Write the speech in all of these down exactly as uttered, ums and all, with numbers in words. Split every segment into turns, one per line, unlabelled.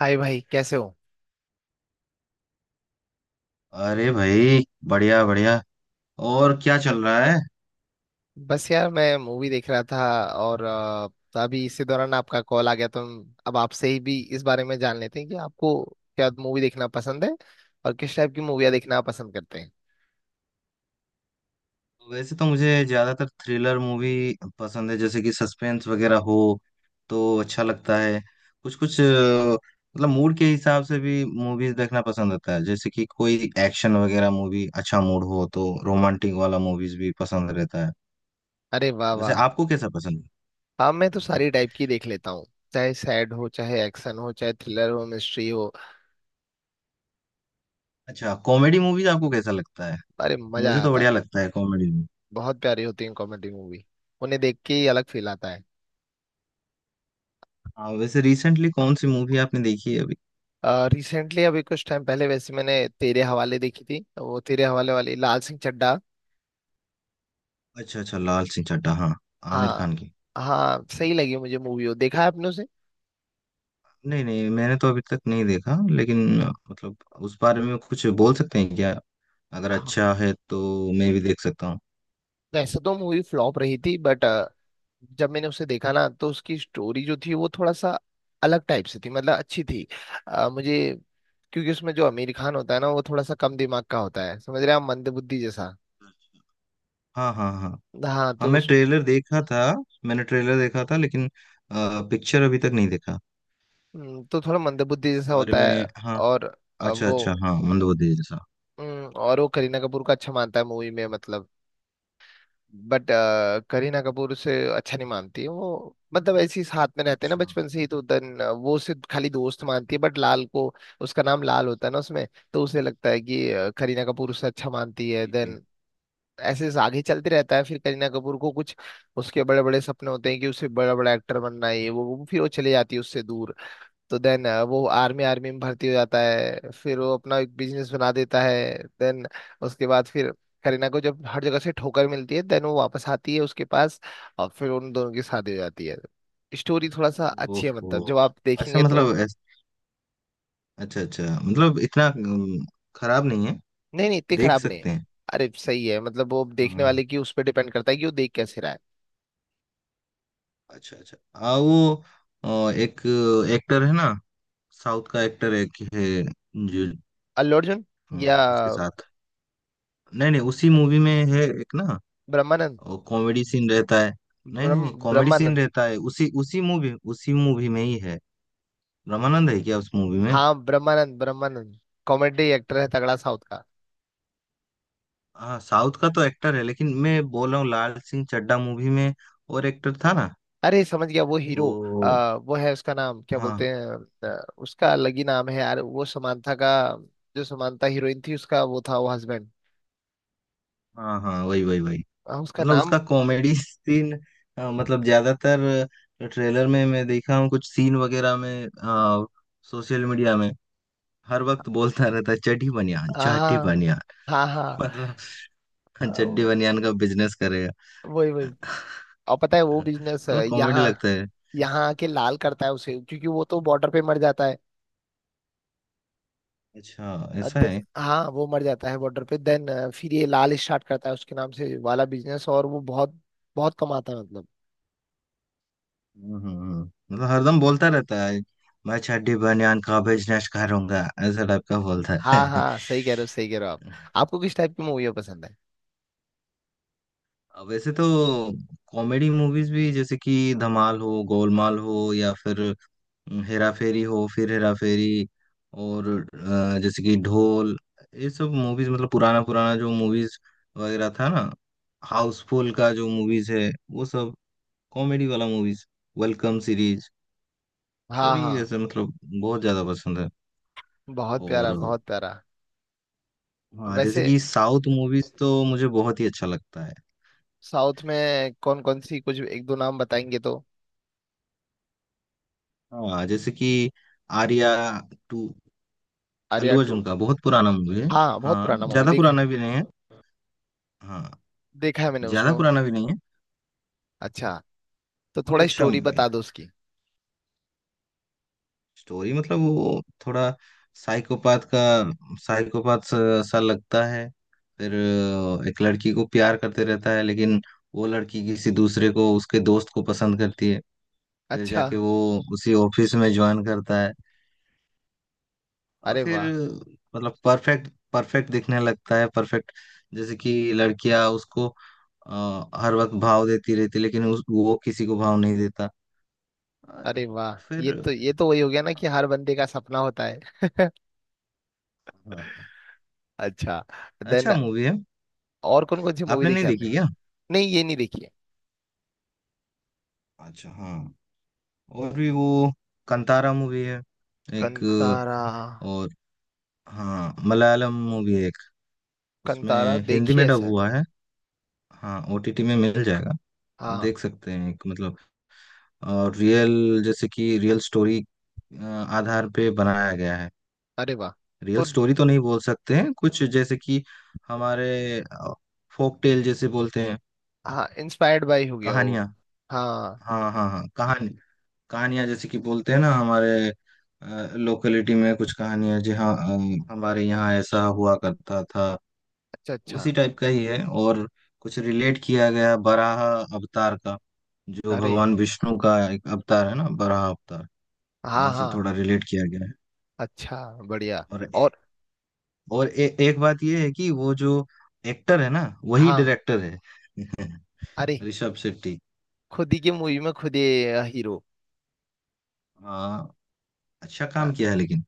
हाय भाई, कैसे हो।
अरे भाई। बढ़िया बढ़िया। और क्या चल रहा है?
बस यार, मैं मूवी देख रहा था और अ, तो अभी इसी दौरान आपका कॉल आ गया, तो हम- अब आपसे ही भी इस बारे में जान लेते हैं कि आपको क्या मूवी देखना पसंद है और किस टाइप की मूवियाँ देखना आप पसंद करते हैं।
वैसे तो मुझे ज्यादातर थ्रिलर मूवी पसंद है, जैसे कि सस्पेंस वगैरह हो तो अच्छा लगता है। कुछ कुछ अ, मतलब मूड के हिसाब से भी मूवीज देखना पसंद होता है। जैसे कि कोई एक्शन वगैरह मूवी, अच्छा मूड हो तो रोमांटिक वाला मूवीज भी पसंद रहता है।
अरे वाह
वैसे
वाह।
आपको कैसा पसंद
हाँ, मैं तो
है?
सारी टाइप की देख लेता हूँ, चाहे सैड हो, चाहे एक्शन हो, चाहे थ्रिलर हो, मिस्ट्री हो।
अच्छा, कॉमेडी मूवीज आपको कैसा लगता है?
अरे मजा
मुझे तो
आता है।
बढ़िया लगता है कॉमेडी मूवी।
बहुत प्यारी होती है कॉमेडी मूवी। उन्हें देख के ही अलग फील आता है।
हाँ, वैसे रिसेंटली कौन सी मूवी आपने देखी है?
रिसेंटली अभी कुछ टाइम पहले वैसे मैंने तेरे हवाले देखी थी, तो वो तेरे हवाले वाली, लाल सिंह चड्ढा।
अच्छा अच्छा, लाल सिंह चड्ढा, हाँ। आमिर
हाँ
खान की।
हाँ, सही लगी मुझे मूवी। वो देखा है आपने उसे?
नहीं नहीं, मैंने तो अभी तक नहीं देखा, लेकिन अ, मतलब उस बारे में कुछ बोल सकते हैं क्या? अगर
हाँ,
अच्छा है तो मैं भी देख सकता हूँ।
वैसे तो मूवी फ्लॉप रही थी, बट जब मैंने उसे देखा ना, तो उसकी स्टोरी जो थी वो थोड़ा सा अलग टाइप से थी, मतलब अच्छी थी। अ, मुझे, क्योंकि उसमें जो आमिर खान होता है ना, वो थोड़ा सा कम दिमाग का होता है, समझ रहे हैं आप, मंदबुद्धि जैसा।
हाँ हाँ हाँ।
हाँ,
हाँ
तो
मैं
उस।
ट्रेलर देखा था। मैंने ट्रेलर देखा था लेकिन पिक्चर अभी तक नहीं देखा।
हम्म, तो थोड़ा मंदबुद्धि
उस
जैसा
बारे
होता है
में, हाँ।
और अ,
अच्छा अच्छा,
वो।
हाँ, मंदोदी जैसा।
हम्म, और वो करीना कपूर का अच्छा मानता है मूवी में, मतलब बट अ, करीना कपूर से अच्छा नहीं मानती है वो, मतलब ऐसी साथ में रहते हैं ना
अच्छा।
बचपन से ही, तो देन अ, वो सिर्फ खाली दोस्त मानती है, बट लाल को। उसका नाम लाल होता है ना उसमें। तो उसे लगता है कि अ, करीना कपूर उससे अच्छा मानती है।
जी जी।
देन ऐसे आगे चलते रहता है। फिर करीना कपूर को कुछ, उसके बड़े बड़े सपने होते हैं कि उसे बड़ा बड़ा एक्टर बनना है, ये वो वो फिर वो चले जाती है उससे दूर। तो देन वो आर्मी आर्मी में भर्ती हो जाता है, फिर वो अपना एक बिजनेस बना देता है। देन उसके बाद फिर करीना को जब हर जगह से ठोकर मिलती है, देन वो वापस आती है उसके पास, और फिर उन दोनों की शादी हो जाती है। स्टोरी थोड़ा सा अच्छी है,
ओहो।
मतलब जब आप
अच्छा
देखेंगे तो।
मतलब ऐस- अच्छा अच्छा, मतलब इतना अम, खराब नहीं है।
नहीं नहीं, इतनी
देख
खराब नहीं है।
सकते हैं।
अरे सही है, मतलब वो देखने
हाँ।
वाले की उस पर डिपेंड करता है कि वो देख कैसे रहा है।
अच्छा अच्छा। आ वो अ, एक एक्टर है ना, साउथ का, एक्टर एक है जो
अल्लू अर्जुन या
अ, उसके साथ। नहीं नहीं, उसी मूवी में है एक ना।
ब्रह्मानंद।
कॉमेडी सीन रहता है। नहीं
ब्रह्म
नहीं, कॉमेडी सीन
ब्रह्मानंद
रहता है उसी उसी मूवी उसी मूवी में ही है। रामानंद है क्या उस मूवी में?
हाँ, ब्रह्मानंद ब्रह्मानंद, कॉमेडी एक्टर है तगड़ा साउथ का।
हाँ साउथ का तो एक्टर है, लेकिन मैं बोल रहा हूँ लाल सिंह चड्ढा मूवी में और एक्टर था ना।
अरे समझ गया, वो हीरो।
वो।
आ, वो है, उसका नाम क्या
हाँ
बोलते हैं, आ, उसका अलग ही नाम है यार। वो समांथा का, जो समांथा हीरोइन थी उसका वो था, वो हस्बैंड।
हाँ हाँ, वही वही वही।
उसका
मतलब
नाम।
उसका कॉमेडी सीन, मतलब ज्यादातर ट्रेलर में मैं देखा हूँ कुछ सीन वगैरह में, सोशल मीडिया में। हर वक्त बोलता रहता है, चड्डी बनियान, चड्डी
हाँ
बनियान।
हाँ हाँ।
मतलब
आ,
चड्डी
वो-
बनियान का बिजनेस करेगा।
वही वही। और पता है वो बिजनेस
मतलब कॉमेडी
यहाँ,
लगता है।
यहाँ आके लाल करता है उसे, क्योंकि वो तो बॉर्डर पे मर जाता है।
अच्छा,
अ,
ऐसा
द-
है।
हाँ, वो मर जाता है बॉर्डर पे। देन फिर ये लाल स्टार्ट करता है उसके नाम से वाला बिजनेस, और वो बहुत बहुत कमाता है, मतलब।
हम्म हम्म, हम्म। मतलब हरदम बोलता रहता है, मैं चड्डी बनियान का बिजनेस करूंगा, ऐसा टाइप का बोलता है।
हाँ हाँ, सही कह रहे हो, सही कह रहे हो आप। आपको किस टाइप की मूवी पसंद है?
वैसे तो कॉमेडी मूवीज भी, जैसे कि धमाल हो, गोलमाल हो, या फिर हेरा फेरी हो, फिर हेरा फेरी, और अ, जैसे कि ढोल, ये सब मूवीज, मतलब पुराना पुराना जो मूवीज वगैरह था ना, हाउसफुल का जो मूवीज है वो सब, कॉमेडी वाला मूवीज, वेलकम सीरीज,
हाँ
सभी
हाँ,
ऐसे मतलब बहुत ज्यादा पसंद है।
बहुत प्यारा
और
बहुत प्यारा।
हाँ, जैसे
वैसे
कि साउथ मूवीज तो मुझे बहुत ही अच्छा लगता है।
साउथ में कौन कौन सी, कुछ एक दो नाम बताएंगे तो।
हाँ जैसे कि आर्या टू। अल्लू
आर्या टू?
अर्जुन का बहुत पुराना मूवी है।
हाँ, बहुत
हाँ,
पुराना मूवी
ज्यादा
देखा।
पुराना भी नहीं है। हाँ।
देखा है मैंने उसमें।
ज्यादा पुराना भी नहीं है।
अच्छा, तो
बहुत
थोड़ा
अच्छा।
स्टोरी बता दो उसकी।
स्टोरी मतलब वो थोड़ा साइकोपाथ का, साइकोपाथ सा सा लगता है। फिर अ, एक लड़की को प्यार करते रहता है, लेकिन वो लड़की किसी दूसरे को, उसके दोस्त को पसंद करती है। फिर
अच्छा।
जाके वो उसी ऑफिस में ज्वाइन करता है, और
अरे
फिर
वाह।
मतलब परफेक्ट परफेक्ट दिखने लगता है, परफेक्ट। जैसे कि लड़कियां उसको अ, हर वक्त भाव देती रहती, लेकिन उस, वो किसी को भाव नहीं देता। अ,
अरे वाह, ये
फिर
तो ये तो वही हो गया ना
हाँ,
कि हर बंदे का सपना होता है।
हाँ।
अच्छा। देन
अच्छा मूवी है।
और कौन कौन सी मूवी
आपने नहीं
देखी आपने?
देखी क्या?
नहीं, ये नहीं देखी है।
अच्छा हाँ, और भी वो कंतारा मूवी है एक
कंतारा?
और। हाँ, मलयालम मूवी है एक। उसमें
कंतारा
हिंदी
देखी
में
है
डब
सर।
हुआ है। हाँ, ओटीटी में मिल जाएगा। आप
हाँ।
देख सकते हैं एक, मतलब और रियल, जैसे कि रियल स्टोरी आधार पे बनाया गया है।
अरे वाह।
रियल
तो
स्टोरी तो नहीं बोल सकते हैं कुछ, जैसे कि हमारे फोक टेल जैसे बोलते हैं,
हाँ, इंस्पायर्ड बाय हो गया वो।
कहानियाँ।
हाँ।
हाँ हाँ हाँ, कहानी, कहानियां जैसे कि बोलते हैं ना, हमारे लोकेलिटी में कुछ कहानियां। जी हाँ, अ, हमारे यहाँ ऐसा हुआ करता था।
अच्छा
उसी
अच्छा।
टाइप का ही है। और कुछ रिलेट किया गया बराह अवतार का, जो
अरे
भगवान विष्णु का एक अवतार है ना, बराह अवतार।
हाँ
वहां से
हाँ।
थोड़ा रिलेट किया गया है।
अच्छा, बढ़िया।
और
और
और ए, एक बात ये है कि वो जो एक्टर है ना, वही
हाँ।
डायरेक्टर है।
अरे,
ऋषभ शेट्टी।
खुद ही की मूवी में खुद ही अ, हीरो।
हाँ। अच्छा
अ,
काम किया है, लेकिन।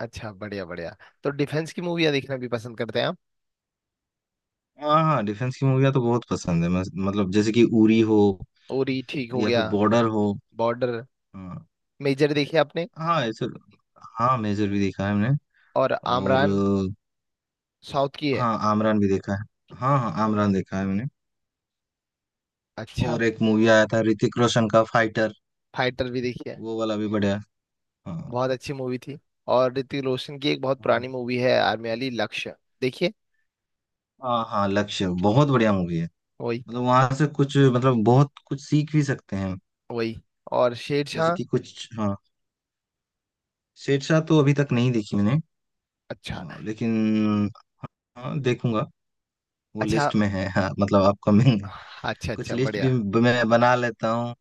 अच्छा, बढ़िया बढ़िया। तो डिफेंस की मूवियाँ देखना भी पसंद करते हैं आप?
हाँ हाँ, डिफेंस की मूवियाँ तो बहुत पसंद है। मैं- मतलब जैसे कि उरी हो,
उरी ठीक हो
या फिर
गया।
बॉर्डर हो।
बॉर्डर।
हाँ,
मेजर देखी आपने?
हाँ ऐसे, हाँ, मेजर भी देखा है हमने।
और
और
आमरान, साउथ की
अ,
है।
हाँ आमरान भी देखा है, हाँ हाँ आमरान देखा है मैंने।
अच्छा।
और एक मूवी आया था ऋतिक रोशन का, फाइटर।
फाइटर भी देखी है?
वो वाला भी बढ़िया है। हाँ।
बहुत अच्छी मूवी थी। और ऋतिक रोशन की एक बहुत
हाँ
पुरानी मूवी है आर्मी वाली, लक्ष्य। देखिए।
हाँ हाँ, लक्ष्य बहुत बढ़िया मूवी है।
वही
मतलब वहां से कुछ, मतलब बहुत कुछ सीख भी सकते हैं।
वही। और
जैसे
शेरशाह।
कि कुछ, हाँ। शेरशाह तो अभी तक नहीं देखी मैंने।
अच्छा।
अ, लेकिन हाँ, देखूंगा। वो
अच्छा
लिस्ट में है, हाँ मतलब आपका,
अच्छा,
कुछ
अच्छा
लिस्ट भी
बढ़िया।
ब- मैं बना लेता हूँ।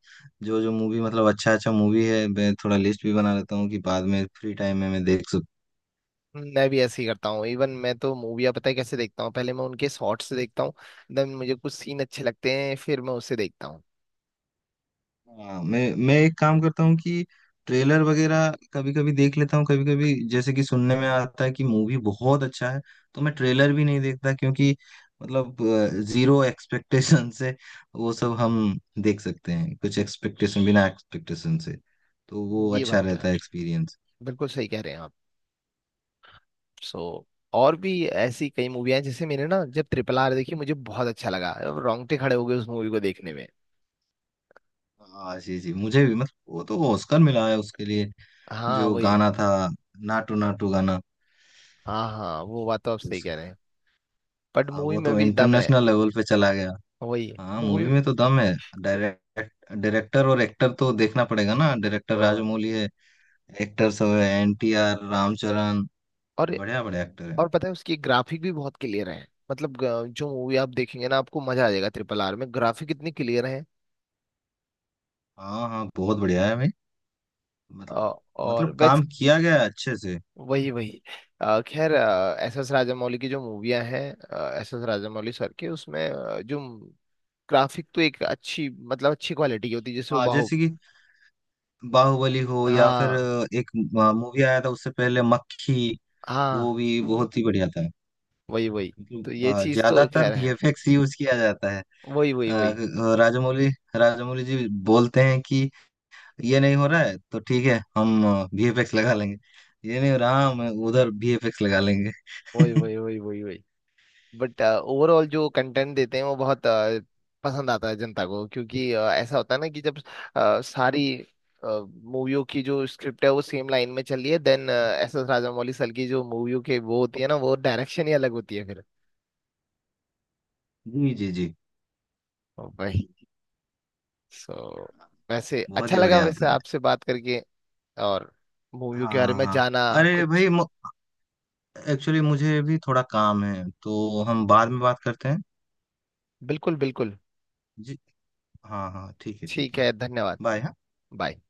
जो जो मूवी, मतलब अच्छा अच्छा मूवी है, मैं थोड़ा लिस्ट भी बना लेता हूँ कि बाद में फ्री टाइम में मैं देख सकूँ।
मैं भी ऐसे ही करता हूँ। इवन मैं तो मूवियाँ पता है कैसे देखता हूँ, पहले मैं उनके शॉर्ट्स से देखता हूँ। देन मुझे कुछ सीन अच्छे लगते हैं, फिर मैं उसे देखता हूँ।
हाँ, मैं मैं एक काम करता हूँ कि ट्रेलर वगैरह कभी कभी देख लेता हूँ, कभी कभी जैसे कि सुनने में आता है कि मूवी बहुत अच्छा है, तो मैं ट्रेलर भी नहीं देखता, क्योंकि मतलब जीरो एक्सपेक्टेशन से वो सब हम देख सकते हैं, कुछ एक्सपेक्टेशन, बिना एक्सपेक्टेशन से तो वो
ये
अच्छा
बात तो
रहता
है।
है, एक्सपीरियंस।
बिल्कुल सही कह रहे हैं आप। सो और भी ऐसी कई मूवियाँ हैं, जैसे मैंने ना, जब ट्रिपल आर देखी, मुझे बहुत अच्छा लगा, रोंगटे खड़े हो गए उस मूवी को देखने में।
हाँ जी जी, मुझे भी मतलब वो तो ऑस्कर मिला है उसके लिए,
हाँ,
जो
वही है।
गाना था, नाटू नाटू गाना।
हाँ हाँ, वो बात तो आप
तो
सही
उस,
कह रहे हैं, बट
हाँ,
मूवी
वो
में
तो
भी दम है।
इंटरनेशनल लेवल पे चला गया।
वही है
हाँ,
मूवी।
मूवी में तो दम है। डायरेक्ट डायरेक्टर और एक्टर तो देखना पड़ेगा ना, डायरेक्टर
और
राजमौली है। एक्टर सब है, एन टी आर, रामचरण, बढ़िया बढ़िया एक्टर है।
और पता है उसकी ग्राफिक भी बहुत क्लियर है, मतलब ग- जो मूवी आप देखेंगे ना आपको मजा आ जाएगा, ट्रिपल आर में ग्राफिक इतने क्लियर है।
हाँ हाँ, बहुत बढ़िया है भाई। मतलब
और
मतलब
वैस
काम किया गया है अच्छे से।
वही वही। अ, खैर, एस एस राजामौली की जो मूवियां हैं, एस एस राजामौली सर के उसमें अ, जो ग्राफिक, तो एक अच्छी, मतलब अच्छी क्वालिटी की होती है, जैसे वो
हाँ
बाहु।
जैसे कि बाहुबली हो, या फिर
हाँ
एक मूवी आया था उससे पहले, मक्खी। वो
हाँ।
भी बहुत ही बढ़िया था।
वही वही। तो
मतलब
ये
अ,
चीज तो
ज्यादातर
खैर है।
वीएफएक्स यूज किया जाता है।
वही वही वही
अ, राजामौली, राजामौली जी बोलते हैं कि ये नहीं हो रहा है तो ठीक है, हम वीएफएक्स लगा लेंगे, ये नहीं हो रहा, हम उधर वीएफएक्स लगा लेंगे।
वही वही वही वही वही बट ओवरऑल जो कंटेंट देते हैं वो बहुत अ, पसंद आता है जनता को, क्योंकि अ, ऐसा होता है ना कि जब अ, सारी मूवियों की जो स्क्रिप्ट है वो सेम लाइन में चल रही है, then S S Rajamouli sir की जो मूवियों के वो होती है ना, वो डायरेक्शन ही अलग होती है फिर।
जी जी जी,
वही। सो वैसे
बहुत
अच्छा
ही
लगा
बढ़िया
वैसे,
होता है।
आपसे बात करके और मूवियों
हाँ
के बारे
हाँ
में
हाँ।
जाना
अरे
कुछ।
भाई, एक्चुअली मुझे भी थोड़ा काम है, तो हम बाद में बात करते हैं।
बिल्कुल बिल्कुल।
जी, हाँ हाँ ठीक है, ठीक
ठीक
है।
है, धन्यवाद।
बाय, हाँ।
बाय।